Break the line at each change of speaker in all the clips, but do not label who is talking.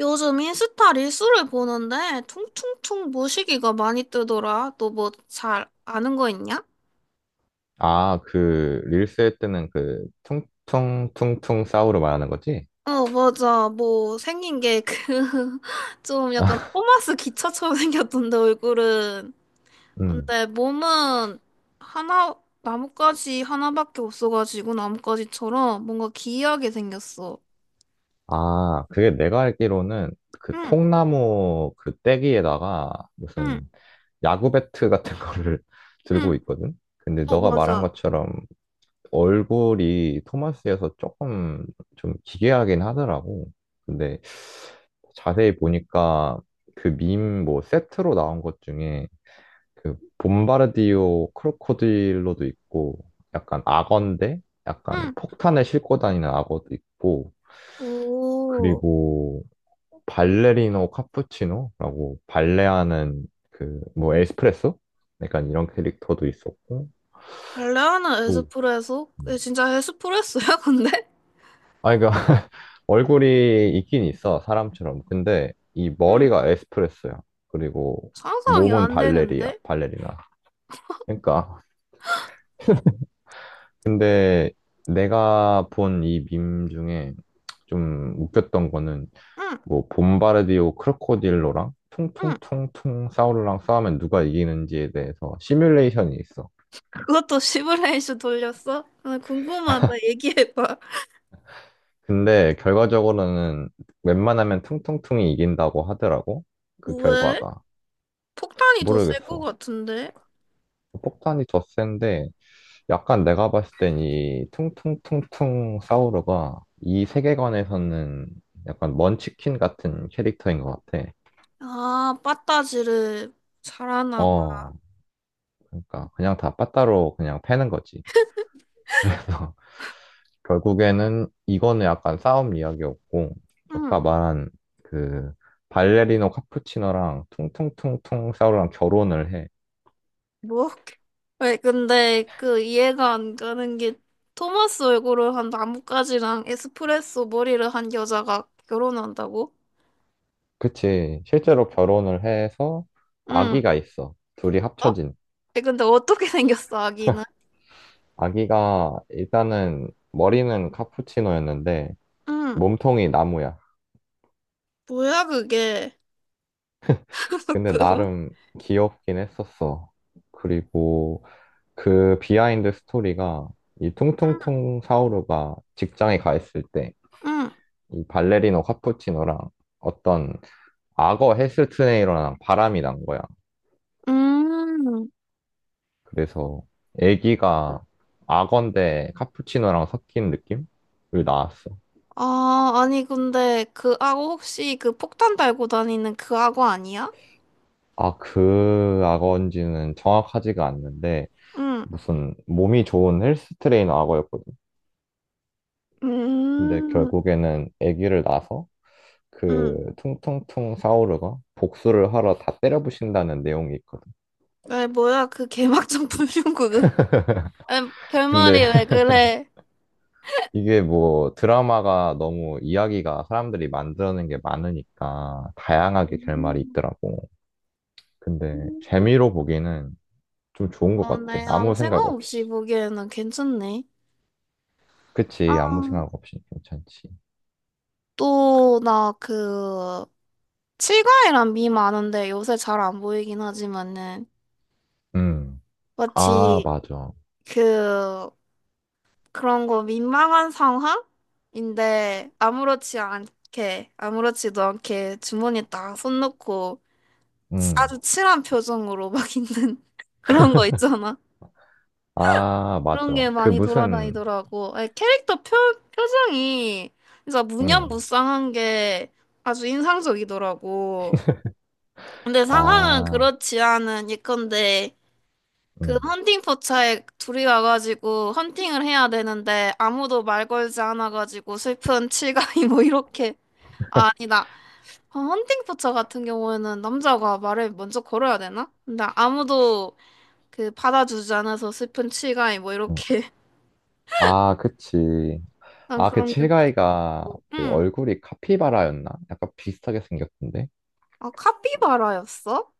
요즘 인스타 릴스를 보는데 퉁퉁퉁 모시기가 많이 뜨더라. 너 뭐 잘 아는 거 있냐?
아, 그, 릴스 할 때는 그, 퉁퉁퉁퉁 싸우로 말하는 거지?
어, 맞아. 뭐 생긴 게 그 좀 약간
아,
토마스 기차처럼 생겼던데 얼굴은.
음.
근데 몸은 하나 나뭇가지 하나밖에 없어가지고 나뭇가지처럼 뭔가 기이하게 생겼어.
아, 그게 내가 알기로는 그
응,
통나무 그 떼기에다가
응,
무슨 야구 배트 같은 거를
응.
들고 있거든? 근데
어,
너가 말한
맞아.
것처럼 얼굴이 토마스여서 조금 좀 기괴하긴 하더라고. 근데 자세히 보니까 그 밈 뭐 세트로 나온 것 중에 그 봄바르디오 크로코딜로도 있고 약간 악어인데 약간
응.
폭탄을 싣고 다니는 악어도 있고
오,
그리고 발레리노 카푸치노라고 발레하는 그 뭐 에스프레소? 약간 이런 캐릭터도 있었고
발레하는
또
에스프레소?
음.
얘 진짜 에스프레소야, 근데?
아 그러니까 얼굴이 있긴 있어 사람처럼 근데 이
응.
머리가 에스프레소야. 그리고
상상이
몸은
안
발레리야
되는데?
발레리나 그러니까 근데 내가 본 이 밈 중에 좀 웃겼던 거는
응,
뭐 봄바르디오 크로코딜로랑
응.
퉁퉁퉁퉁 사우루랑 싸우면 누가 이기는지에 대해서 시뮬레이션이 있어.
그것도 시뮬레이션 돌렸어? 나 궁금하다. 얘기해봐.
근데 결과적으로는 웬만하면 퉁퉁퉁이 이긴다고 하더라고. 그
왜?
결과가.
폭탄이 더 셀 것
모르겠어.
같은데?
폭탄이 더 센데 약간 내가 봤을 땐 이 퉁퉁퉁퉁 사우루가 이 세계관에서는 약간 먼치킨 같은 캐릭터인 것 같아.
아, 빠따지를 잘하나 봐.
어, 그러니까 그냥 다 빠따로 그냥 패는 거지. 그래서 결국에는 이거는 약간 싸움 이야기였고, 아까
응,
말한 그 발레리노 카푸치노랑 퉁퉁퉁퉁 싸우랑 결혼을 해.
뭐? 왜, 근데 그 이해가 안 가는 게 토마스 얼굴을 한 나뭇가지랑 에스프레소 머리를 한 여자가 결혼한다고?
그치. 실제로 결혼을 해서
응.
아기가 있어. 둘이
어?
합쳐진.
에, 근데 어떻게 생겼어, 아기는?
아기가 일단은 머리는 카푸치노였는데
응.
몸통이 나무야.
뭐야, 그게?
근데
그,
나름 귀엽긴 했었어. 그리고 그 비하인드 스토리가 이 퉁퉁퉁 사오루가 직장에 가 있을 때
응.
이 발레리노 카푸치노랑 어떤 악어 헬스트레이너랑 바람이 난 거야.
음,
그래서 애기가 악어인데 카푸치노랑 섞인 느낌을 낳았어.
아, 아니, 근데 그 악어 혹시 그 폭탄 달고 다니는 그 악어 아니야?
아, 그 악어인지는 정확하지가 않는데
응,
무슨 몸이 좋은 헬스트레이너 악어였거든. 근데
음,
결국에는 애기를 낳아서
응.
그 퉁퉁퉁 사오르가 복수를 하러 다 때려부신다는 내용이 있거든.
왜, 뭐야, 그 개막장 불륜구그. 아,
근데
결말이 왜 그래?
이게 뭐 드라마가 너무 이야기가 사람들이 만들어낸 게 많으니까 다양하게 결말이
음.
있더라고. 근데 재미로 보기에는 좀 좋은 것
어,
같아.
네, 아무
아무 생각
생각 없이
없이.
보기에는 괜찮네. 아,
그치, 아무 생각 없이 괜찮지.
또, 나 칠과이란 밈 아는데 요새 잘 안 보이긴 하지만은,
음, 아,
마치
맞아.
그, 그런 거 민망한 상황인데 아무렇지도 않게 주머니 에 딱 손 넣고
음,
아주 칠한 표정으로 막 있는 그런 거 있잖아.
아,
그런
맞아.
게
그
많이
무슨,
돌아다니더라고. 아니, 캐릭터 표정이 진짜
음,
무념무상한 게 아주 인상적이더라고. 근데 상황은
아,
그렇지 않은 예컨대 그
음,
헌팅 포차에 둘이 와가지고 헌팅을 해야 되는데 아무도 말 걸지 않아가지고 슬픈 칠가이 뭐 이렇게 아, 아니다. 어, 헌팅 포차 같은 경우에는 남자가 말을 먼저 걸어야 되나? 근데 아무도 그 받아주지 않아서 슬픈 칠가이 뭐
음.
이렇게
아, 그치.
난
아, 그
그런 게 웃긴 것
칠가이가
같고
그
응아.
얼굴이 카피바라였나? 약간 비슷하게 생겼던데?
카피바라였어?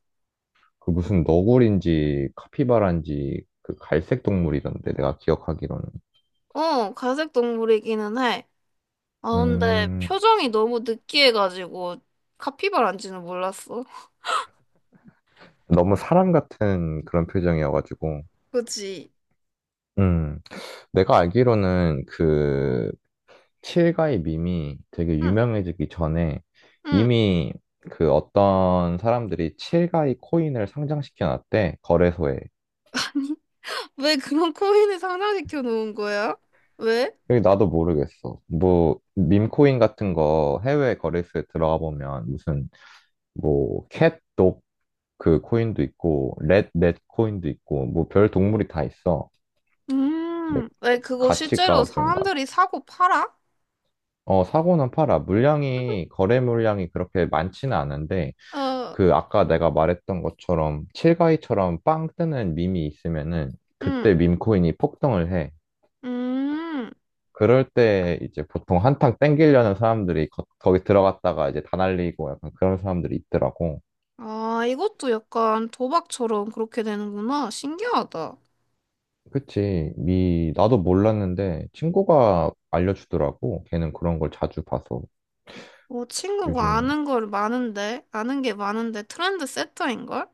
그 무슨 너구리인지 카피바라인지 그 갈색 동물이던데, 내가 기억하기로는.
어, 갈색 동물이기는 해. 아, 근데
음,
표정이 너무 느끼해가지고 카피바라인지는 몰랐어.
너무 사람 같은 그런 표정이어가지고.
그치?
음, 내가 알기로는 그 칠가이 밈이 되게
응.
유명해지기 전에
응.
이미 그 어떤 사람들이 칠가이 코인을 상장시켜 놨대, 거래소에.
왜 그런 코인을 상장시켜 놓은 거야? 왜?
이 나도 모르겠어. 뭐, 밈코인 같은 거 해외 거래소에 들어가 보면 무슨, 뭐, 캣독 그 코인도 있고, 렛, 넷 코인도 있고, 뭐, 별 동물이 다 있어. 근데
왜 그거 실제로
가치가 좀 낮.
사람들이 사고 팔아?
어, 사고는 팔아. 물량이, 거래 물량이 그렇게 많지는 않은데,
어,
그 아까 내가 말했던 것처럼, 칠가이처럼 빵 뜨는 밈이 있으면은,
음,
그때 밈코인이 폭등을 해.
음.
그럴 때 이제 보통 한탕 땡기려는 사람들이 거, 거기 들어갔다가 이제 다 날리고 약간 그런 사람들이 있더라고.
아, 이것도 약간 도박처럼 그렇게 되는구나. 신기하다.
그치. 미, 나도 몰랐는데 친구가 알려주더라고. 걔는 그런 걸 자주 봐서
뭐 친구가
요즘에.
아는 게 많은데 트렌드 세터인걸?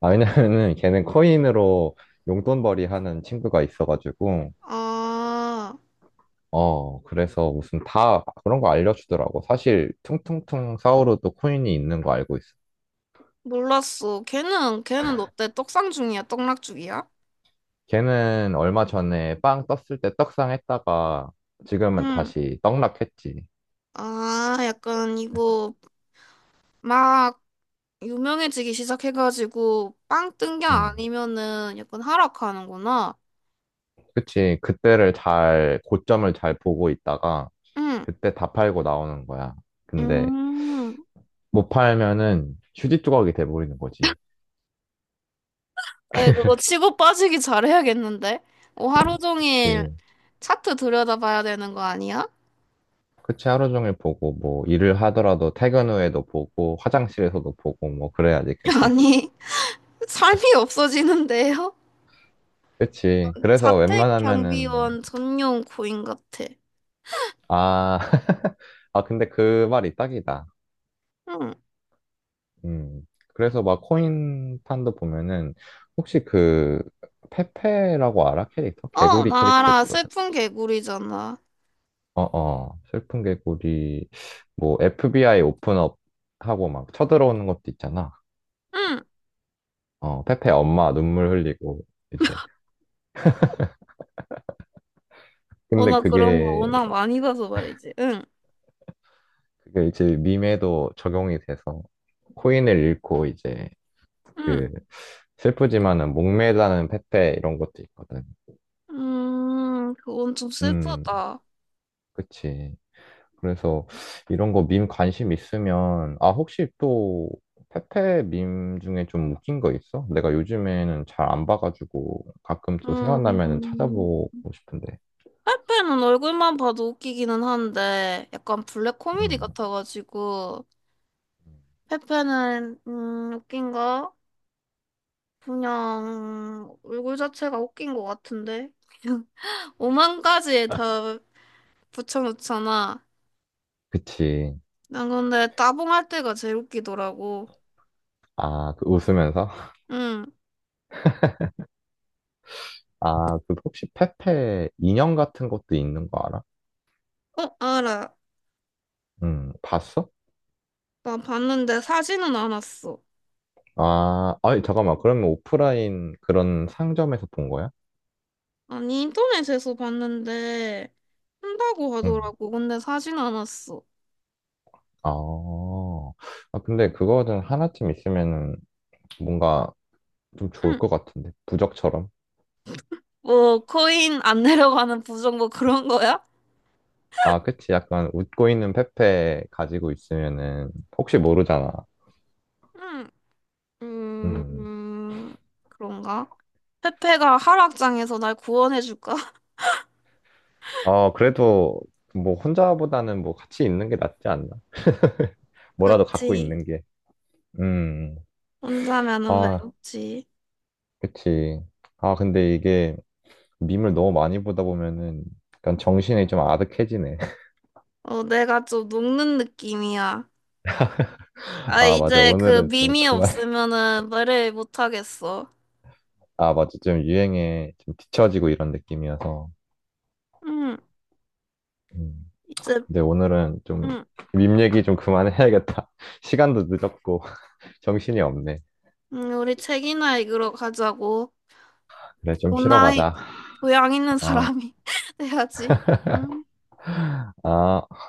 아, 왜냐면은 걔는 코인으로 용돈벌이 하는 친구가 있어가지고,
아,
어, 그래서 무슨 다 그런 거 알려주더라고. 사실 퉁퉁퉁 사오르도 코인이 있는 거 알고 있어.
몰랐어. 걔는 어때? 떡상 중이야? 떡락 중이야?
걔는 얼마 전에 빵 떴을 때 떡상 했다가 지금은
응.
다시 떡락했지.
아, 약간 이거 막 유명해지기 시작해가지고 빵 뜬 게
음.
아니면은 약간 하락하는구나.
그치. 그때를 잘, 고점을 잘 보고 있다가
응,
그때 다 팔고 나오는 거야. 근데
음.
못 팔면은 휴지 조각이 돼버리는 거지.
에, 그거 치고 빠지기 잘해야겠는데? 어, 하루 종일
그치.
차트 들여다봐야 되는 거 아니야?
그치. 하루 종일 보고 뭐 일을 하더라도 퇴근 후에도 보고 화장실에서도 보고 뭐 그래야지 계속.
아니, 삶이 없어지는데요?
그치. 그래서
자택
웬만하면은,
경비원 전용 고인 같아.
아, 아, 근데 그 말이 딱이다.
응.
음. 그래서 막 코인 판도 보면은 혹시 그 페페라고 알아? 캐릭터?
어,
개구리
나
캐릭터
알아.
있거든.
슬픈 개구리잖아.
어어. 슬픈 개구리 뭐 FBI 오픈업 하고 막 쳐들어오는 것도 있잖아.
응.
어, 페페 엄마 눈물 흘리고 이제
어,
근데
나 그런 거
그게
워낙 많이 봐서 말이지. 응.
그게 이제 밈에도 적용이 돼서 코인을 잃고 이제
응.
그 슬프지만은 목매다는 페페 이런 것도 있거든.
그건 좀
음,
슬프다.
그치. 그래서 이런 거 밈 관심 있으면, 아, 혹시 또 페페 밈 중에 좀 웃긴 거 있어? 내가 요즘에는 잘 안 봐가지고 가끔 또 생각나면은
음,
찾아보고 싶은데.
페페는 얼굴만 봐도 웃기기는 한데, 약간 블랙 코미디
음.
같아가지고, 페페는, 웃긴가? 그냥, 얼굴 자체가 웃긴 것 같은데? 오만 가지에 다 붙여놓잖아.
그치.
난 근데 따봉할 때가 제일 웃기더라고.
아, 그 웃으면서?
응.
아, 그 혹시 페페 인형 같은 것도 있는 거 알아?
어, 알아.
봤어?
나 봤는데 사진은 안 왔어.
아, 아니, 잠깐만. 그러면 오프라인 그런 상점에서 본 거야?
아니, 인터넷에서 봤는데, 한다고
응.
하더라고. 근데 사진 안 왔어.
아, 아, 근데 그거는 하나쯤 있으면은 뭔가 좀 좋을
응.
것 같은데. 부적처럼.
뭐 코인 안 내려가는 부정 뭐 그런 거야?
아, 그치. 약간 웃고 있는 페페 가지고 있으면은 혹시 모르잖아.
음, 음,
음.
음, 그런가? 페페가 하락장에서 날 구원해줄까?
어, 그래도 뭐 혼자보다는 뭐 같이 있는 게 낫지 않나? 뭐라도 갖고
그치.
있는 게. 음.
혼자면은
아,
외롭지.
그치. 아, 근데 이게 밈을 너무 많이 보다 보면은 약간 정신이 좀 아득해지네.
어, 내가 좀 녹는 느낌이야. 아,
아, 맞아.
이제 그
오늘은 좀
밈이
그만.
없으면은 말을 못하겠어.
아, 맞아. 좀 유행에 좀 뒤처지고 이런 느낌이어서.
응,
음.
이제,
근데 오늘은 좀
응,
밈 얘기 좀 그만해야겠다. 시간도 늦었고 정신이 없네.
응, 우리 책이나 읽으러 가자고.
그래, 좀 쉬러
오나이,
가자.
교양 있는
어,
사람이 돼야지. 응.
어.